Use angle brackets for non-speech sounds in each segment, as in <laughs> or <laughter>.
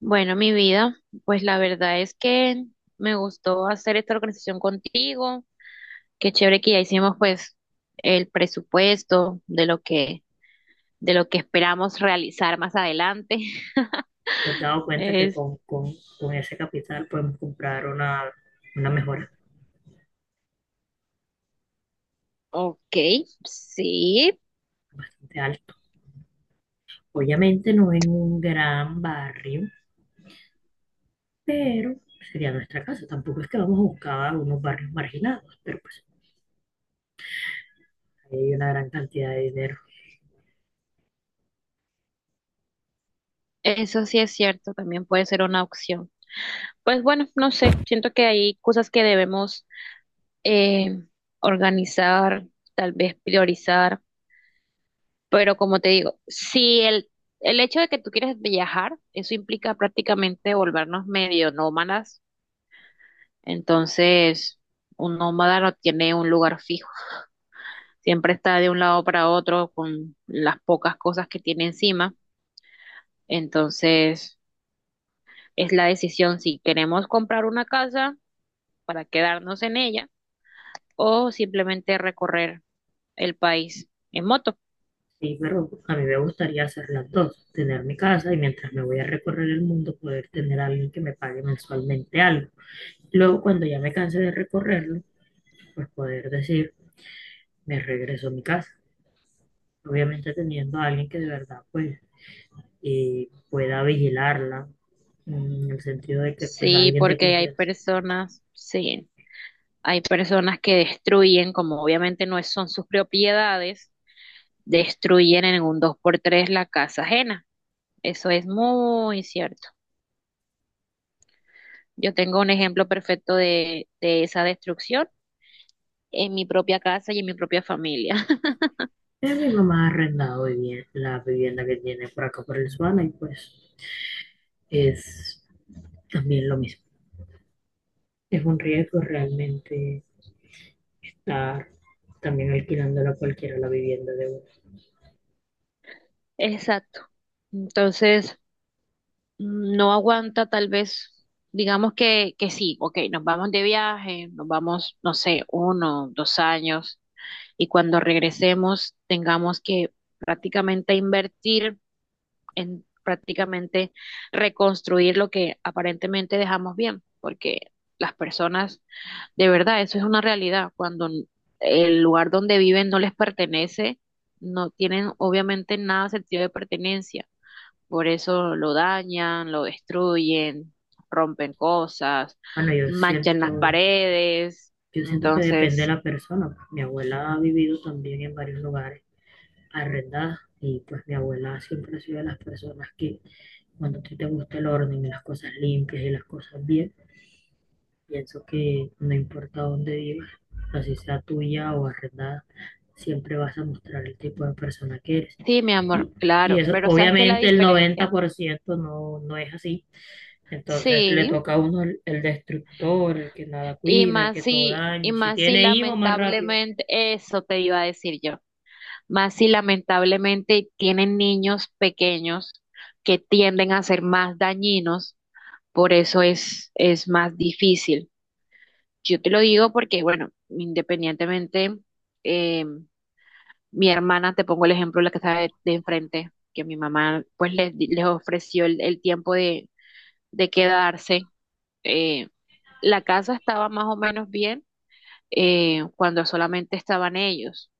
Bueno, mi vida, pues la verdad es que me gustó hacer esta organización contigo. Qué chévere que ya hicimos pues el presupuesto de lo que esperamos realizar más adelante. <laughs> ¿Te has dado cuenta que Es con ese capital podemos comprar una mejora ok, sí, bastante alta? Obviamente no en un gran barrio, pero sería nuestra casa. Tampoco es que vamos a buscar unos barrios marginados, pero pues hay una gran cantidad de dinero. eso sí es cierto, también puede ser una opción. Pues bueno, no sé, siento que hay cosas que debemos eh, organizar, tal vez priorizar. Pero como te digo, si el hecho de que tú quieres viajar, eso implica prácticamente volvernos medio nómadas. Entonces, un nómada no tiene un lugar fijo. Siempre está de un lado para otro con las pocas cosas que tiene encima. Entonces, es la decisión si queremos comprar una casa para quedarnos en ella o simplemente recorrer el país en moto. Sí, pero a mí me gustaría hacer las dos, tener mi casa y mientras me voy a recorrer el mundo poder tener a alguien que me pague mensualmente algo. Luego, cuando ya me canse de recorrerlo, pues poder decir, me regreso a mi casa. Obviamente teniendo a alguien que de verdad pues pueda vigilarla, en el sentido de que pues Sí, alguien de porque hay confianza. personas, sí. Hay personas que destruyen, como obviamente no son sus propiedades, destruyen en un dos por tres la casa ajena. Eso es muy cierto. Yo tengo un ejemplo perfecto de esa destrucción en mi propia casa y en mi propia familia. Mi mamá ha arrendado la vivienda que tiene por acá por el Suana y pues es también lo mismo. Es un riesgo realmente estar también alquilándola cualquiera la vivienda de uno. <laughs> Exacto. Entonces, no aguanta tal vez, digamos que sí, ok, nos vamos de viaje, nos vamos, no sé, uno, dos años, y cuando regresemos tengamos que prácticamente invertir en prácticamente reconstruir lo que aparentemente dejamos bien, porque las personas, de verdad, eso es una realidad. Cuando el lugar donde viven no les pertenece, no tienen obviamente nada de sentido de pertenencia. Por eso lo dañan, lo destruyen, rompen cosas, Bueno, manchan las paredes. yo siento que depende de Entonces, la persona. Mi abuela ha vivido también en varios lugares arrendadas y pues mi abuela siempre ha sido de las personas que, cuando a ti te gusta el orden y las cosas limpias y las cosas bien, pienso que no importa dónde vivas, así sea tuya o arrendada, siempre vas a mostrar el tipo de persona que eres. sí, mi amor, Y, y claro, eso, pero ¿sabes qué es la obviamente el noventa diferencia? por ciento no es así. Entonces le Sí. toca a uno el destructor, el que nada cuida, el que todo Y daña. Si más si tiene hijos más rápido, lamentablemente, eso te iba a decir yo, más si lamentablemente tienen niños pequeños que tienden a ser más dañinos, por eso es más difícil. Yo te lo digo porque, bueno, independientemente, eh, mi hermana, te pongo el ejemplo, la que está de enfrente, que mi mamá pues les ofreció el tiempo de quedarse. eh, la casa estaba más o menos bien cuando solamente estaban ellos.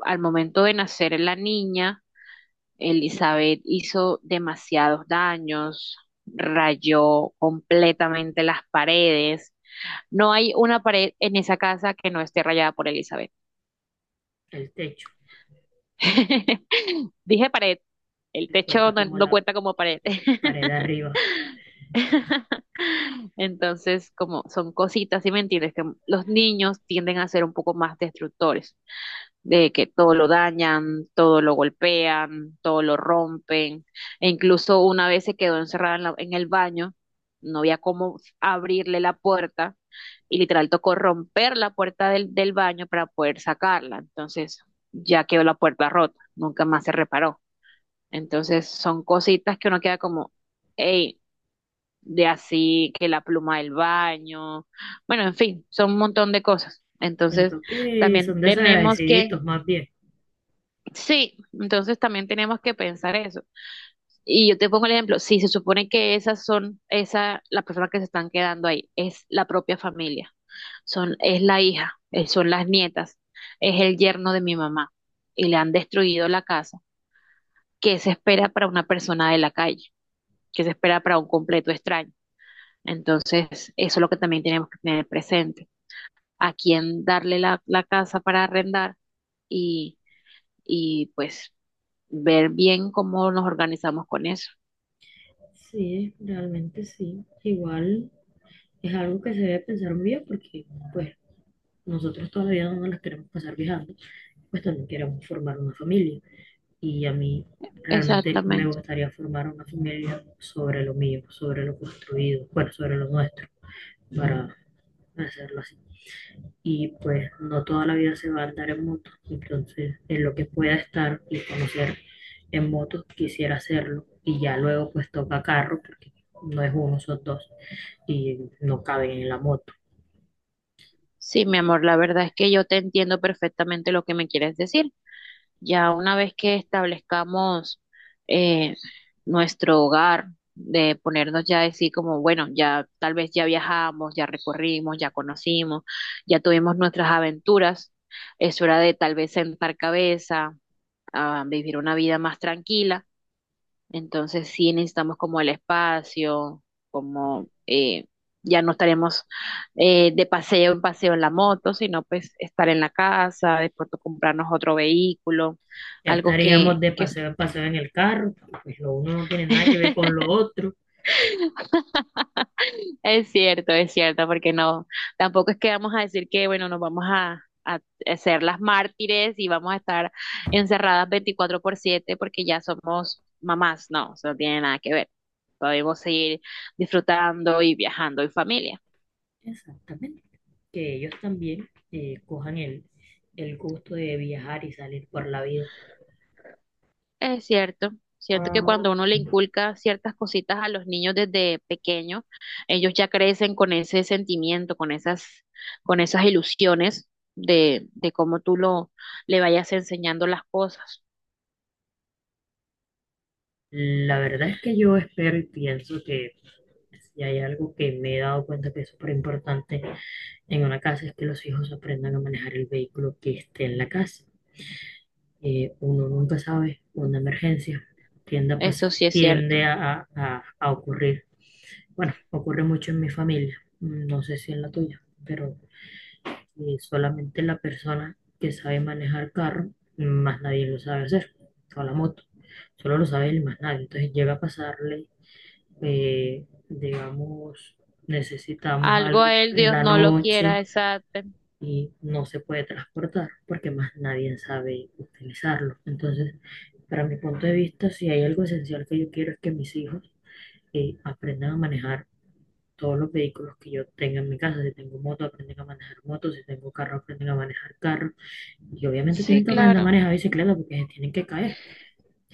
Al momento de nacer la niña, Elizabeth hizo demasiados daños, rayó completamente las paredes. No hay una pared en esa casa que no esté rayada por Elizabeth. el techo. <laughs> Dije pared, el Se cuenta techo no, como no la cuenta como pared. pared arriba. <laughs> Entonces, como son cositas, ¿sí me entiendes? Que los niños tienden a ser un poco más destructores. De que todo lo dañan, todo lo golpean, todo lo rompen, e incluso una vez se quedó encerrada en el baño, no había cómo abrirle la puerta y literal tocó romper la puerta del baño para poder sacarla, entonces ya quedó la puerta rota, nunca más se reparó, entonces son cositas que uno queda como, hey, de así que la pluma del baño, bueno, en fin, son un montón de cosas. Entonces Siento que también son tenemos que desagradeciditos más bien. Sí, entonces también tenemos que pensar eso. Y yo te pongo el ejemplo, si se supone que esas son, esa, las personas que se están quedando ahí, es la propia familia, son, es la hija, son las nietas, es el yerno de mi mamá, y le han destruido la casa, ¿qué se espera para una persona de la calle? ¿Qué se espera para un completo extraño? Entonces, eso es lo que también tenemos que tener presente, a quién darle la casa para arrendar y, pues ver bien cómo nos organizamos con eso. Sí, realmente sí. Igual es algo que se debe pensar muy bien porque, pues, nosotros todavía no nos las queremos pasar viajando, pues también queremos formar una familia. Y a mí realmente me Exactamente. gustaría formar una familia sobre lo mío, sobre lo construido, bueno, sobre lo nuestro, para hacerlo así. Y pues no toda la vida se va a andar en moto, entonces en lo que pueda estar y conocer en moto quisiera hacerlo. Y ya luego pues toca carro porque no es uno, son dos y no caben en la moto. Sí, mi amor, la verdad es que yo te entiendo perfectamente lo que me quieres decir. Ya una vez que establezcamos eh, nuestro hogar, de ponernos ya a decir como, bueno, ya tal vez ya viajamos, ya recorrimos, ya conocimos, ya tuvimos nuestras aventuras, es hora de tal vez sentar cabeza, a vivir una vida más tranquila. Entonces sí necesitamos como el espacio, como, ya no estaremos de paseo en paseo en la moto, sino pues estar en la casa, de pronto comprarnos otro vehículo, Ya algo estaríamos que, de que paseo en paseo en el carro, pues lo uno no tiene nada que ver con <laughs> lo otro. es cierto, es cierto, porque no, tampoco es que vamos a decir que, bueno, nos vamos a ser las mártires y vamos a estar encerradas 24/7 porque ya somos mamás, no, eso no tiene nada que ver. Podemos seguir disfrutando y viajando en familia. Exactamente. Que ellos también cojan el gusto de viajar y salir por la vida. Es cierto, cierto que cuando uno le inculca ciertas cositas a los niños desde pequeños, ellos ya crecen con ese sentimiento, con esas ilusiones de cómo tú lo, le vayas enseñando las cosas. La verdad es que yo espero y pienso que si hay algo que me he dado cuenta que es súper importante en una casa es que los hijos aprendan a manejar el vehículo que esté en la casa. Uno nunca sabe, una emergencia tiende a, pas- Eso sí es cierto. tiende a ocurrir. Bueno, ocurre mucho en mi familia, no sé si en la tuya, pero solamente la persona que sabe manejar carro, mm, más nadie lo sabe hacer, o la moto, solo lo sabe él y más nadie. Entonces llega a pasarle, digamos, necesitamos Algo algo a él, en Dios la no lo quiera, noche esa. y no se puede transportar porque más nadie sabe utilizarlo. Entonces, para mi punto de vista, si hay algo esencial que yo quiero es que mis hijos aprendan a manejar todos los vehículos que yo tenga en mi casa. Si tengo moto, aprenden a manejar moto. Si tengo carro, aprenden a manejar carro. Y obviamente Sí, tienen que aprender a claro. manejar bicicleta porque se tienen que caer.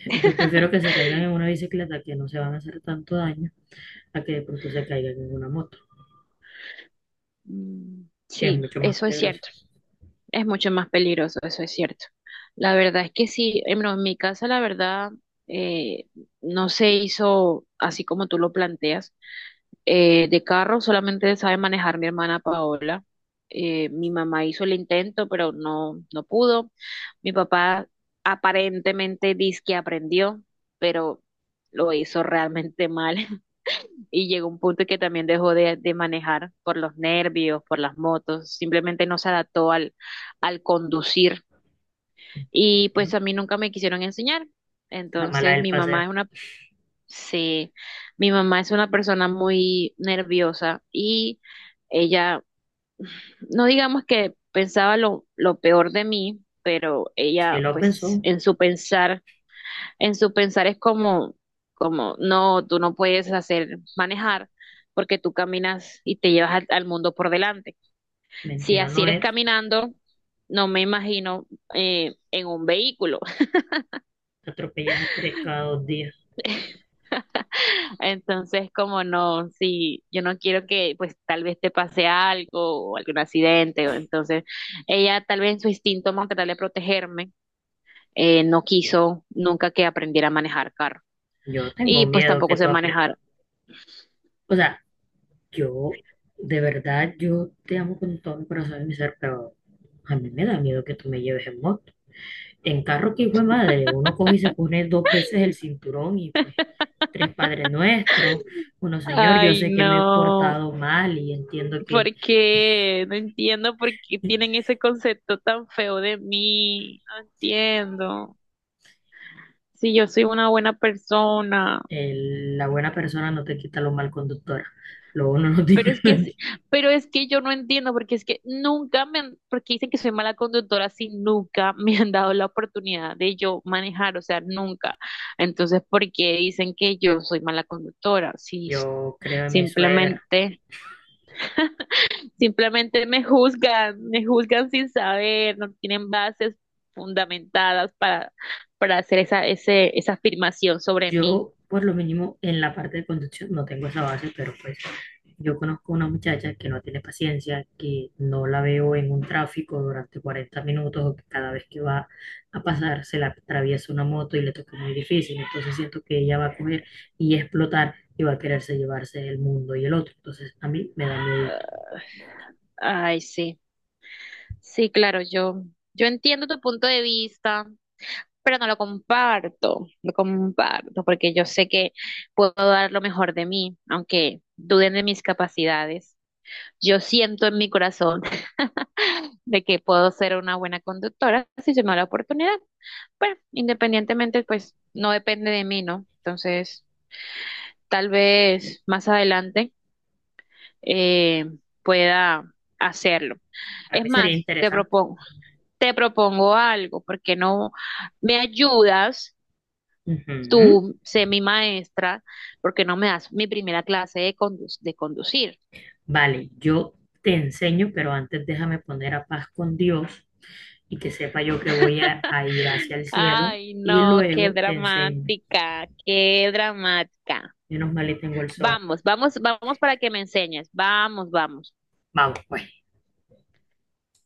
Entonces prefiero que se caigan en una bicicleta, que no se van a hacer tanto daño, a que de pronto se caigan en una moto, Mm, que es sí, mucho más eso es peligroso. cierto. Es mucho más peligroso, eso es cierto. La verdad es que sí, en mi casa la verdad eh, no se hizo así como tú lo planteas. De carro solamente sabe manejar mi hermana Paola. Mi mamá hizo el intento, pero no, no pudo. Mi papá aparentemente dice que aprendió, pero lo hizo realmente mal <laughs> y llegó un punto que también dejó de manejar por los nervios, por las motos, simplemente no se adaptó al conducir y pues ¿No? a mí nunca me quisieron enseñar. La mala Entonces del mi paseo. mamá es una. Sí, mi mamá es una persona muy nerviosa y ella, no digamos que pensaba lo peor de mí, pero Si ella lo pues pensó, en su pensar, es como, no, tú no puedes hacer manejar porque tú caminas y te llevas al mundo por delante. Si mentira así no eres es. caminando, no me imagino en un vehículo. Te atropellas a tres cada dos días. Entonces, como no, si yo no quiero que pues tal vez te pase algo o algún accidente, o entonces ella tal vez en su instinto más tratar de protegerme, no quiso nunca que aprendiera a manejar carro. Yo tengo Y pues miedo que tampoco tú sé aprendas. manejar. O sea, yo, de verdad, yo te amo con todo mi corazón y mi ser, pero a mí me da miedo que tú me lleves en moto. En carro, que hijo de madre, uno coge y se pone dos veces el cinturón y pues tres padres nuestros. Bueno, señor, yo Ay, sé que me he no, portado mal y entiendo que ¿por qué? No entiendo por qué tienen ese concepto tan feo de mí. No entiendo. Si yo soy una buena persona. el- la buena persona no te quita lo mal conductora. Lo uno no tiene. Pero es que, <laughs> pero es que yo no entiendo, porque es que nunca me han, porque dicen que soy mala conductora, si nunca me han dado la oportunidad de yo manejar, o sea, nunca. Entonces, ¿por qué dicen que yo soy mala conductora? Si Yo creo en mi suegra. simplemente, simplemente me juzgan, sin saber, no tienen bases fundamentadas para hacer esa, ese, esa afirmación sobre mí. Yo, por lo mínimo, en la parte de conducción no tengo esa base, pero pues yo conozco una muchacha que no tiene paciencia, que no la veo en un tráfico durante 40 minutos o que cada vez que va a pasar se la atraviesa una moto y le toca muy difícil. Entonces siento que ella va a coger y explotar y va a quererse llevarse el mundo y el otro. Entonces a mí me da miedo. Ah, ay, sí. Sí, claro, yo entiendo tu punto de vista, pero no lo comparto, lo comparto, porque yo sé que puedo dar lo mejor de mí, aunque duden de mis capacidades. Yo siento en mi corazón <laughs> de que puedo ser una buena conductora si se me da la oportunidad. Bueno, independientemente, pues no depende de mí, ¿no? Entonces, tal vez más adelante eh, pueda hacerlo. Para Es mí sería más, te interesante. propongo. Te propongo algo, ¿por qué no me ayudas? Ujú. Tú, sé mi maestra, ¿por qué no me das mi primera clase de conducir? Vale, yo te enseño, pero antes déjame poner a paz con Dios y que sepa yo que voy <laughs> a ir hacia el cielo Ay, y no, qué luego te enseño. dramática, qué dramática. Menos mal y tengo el SOAT. Vamos, vamos, vamos para que me enseñes. Vamos, vamos. Vamos, pues.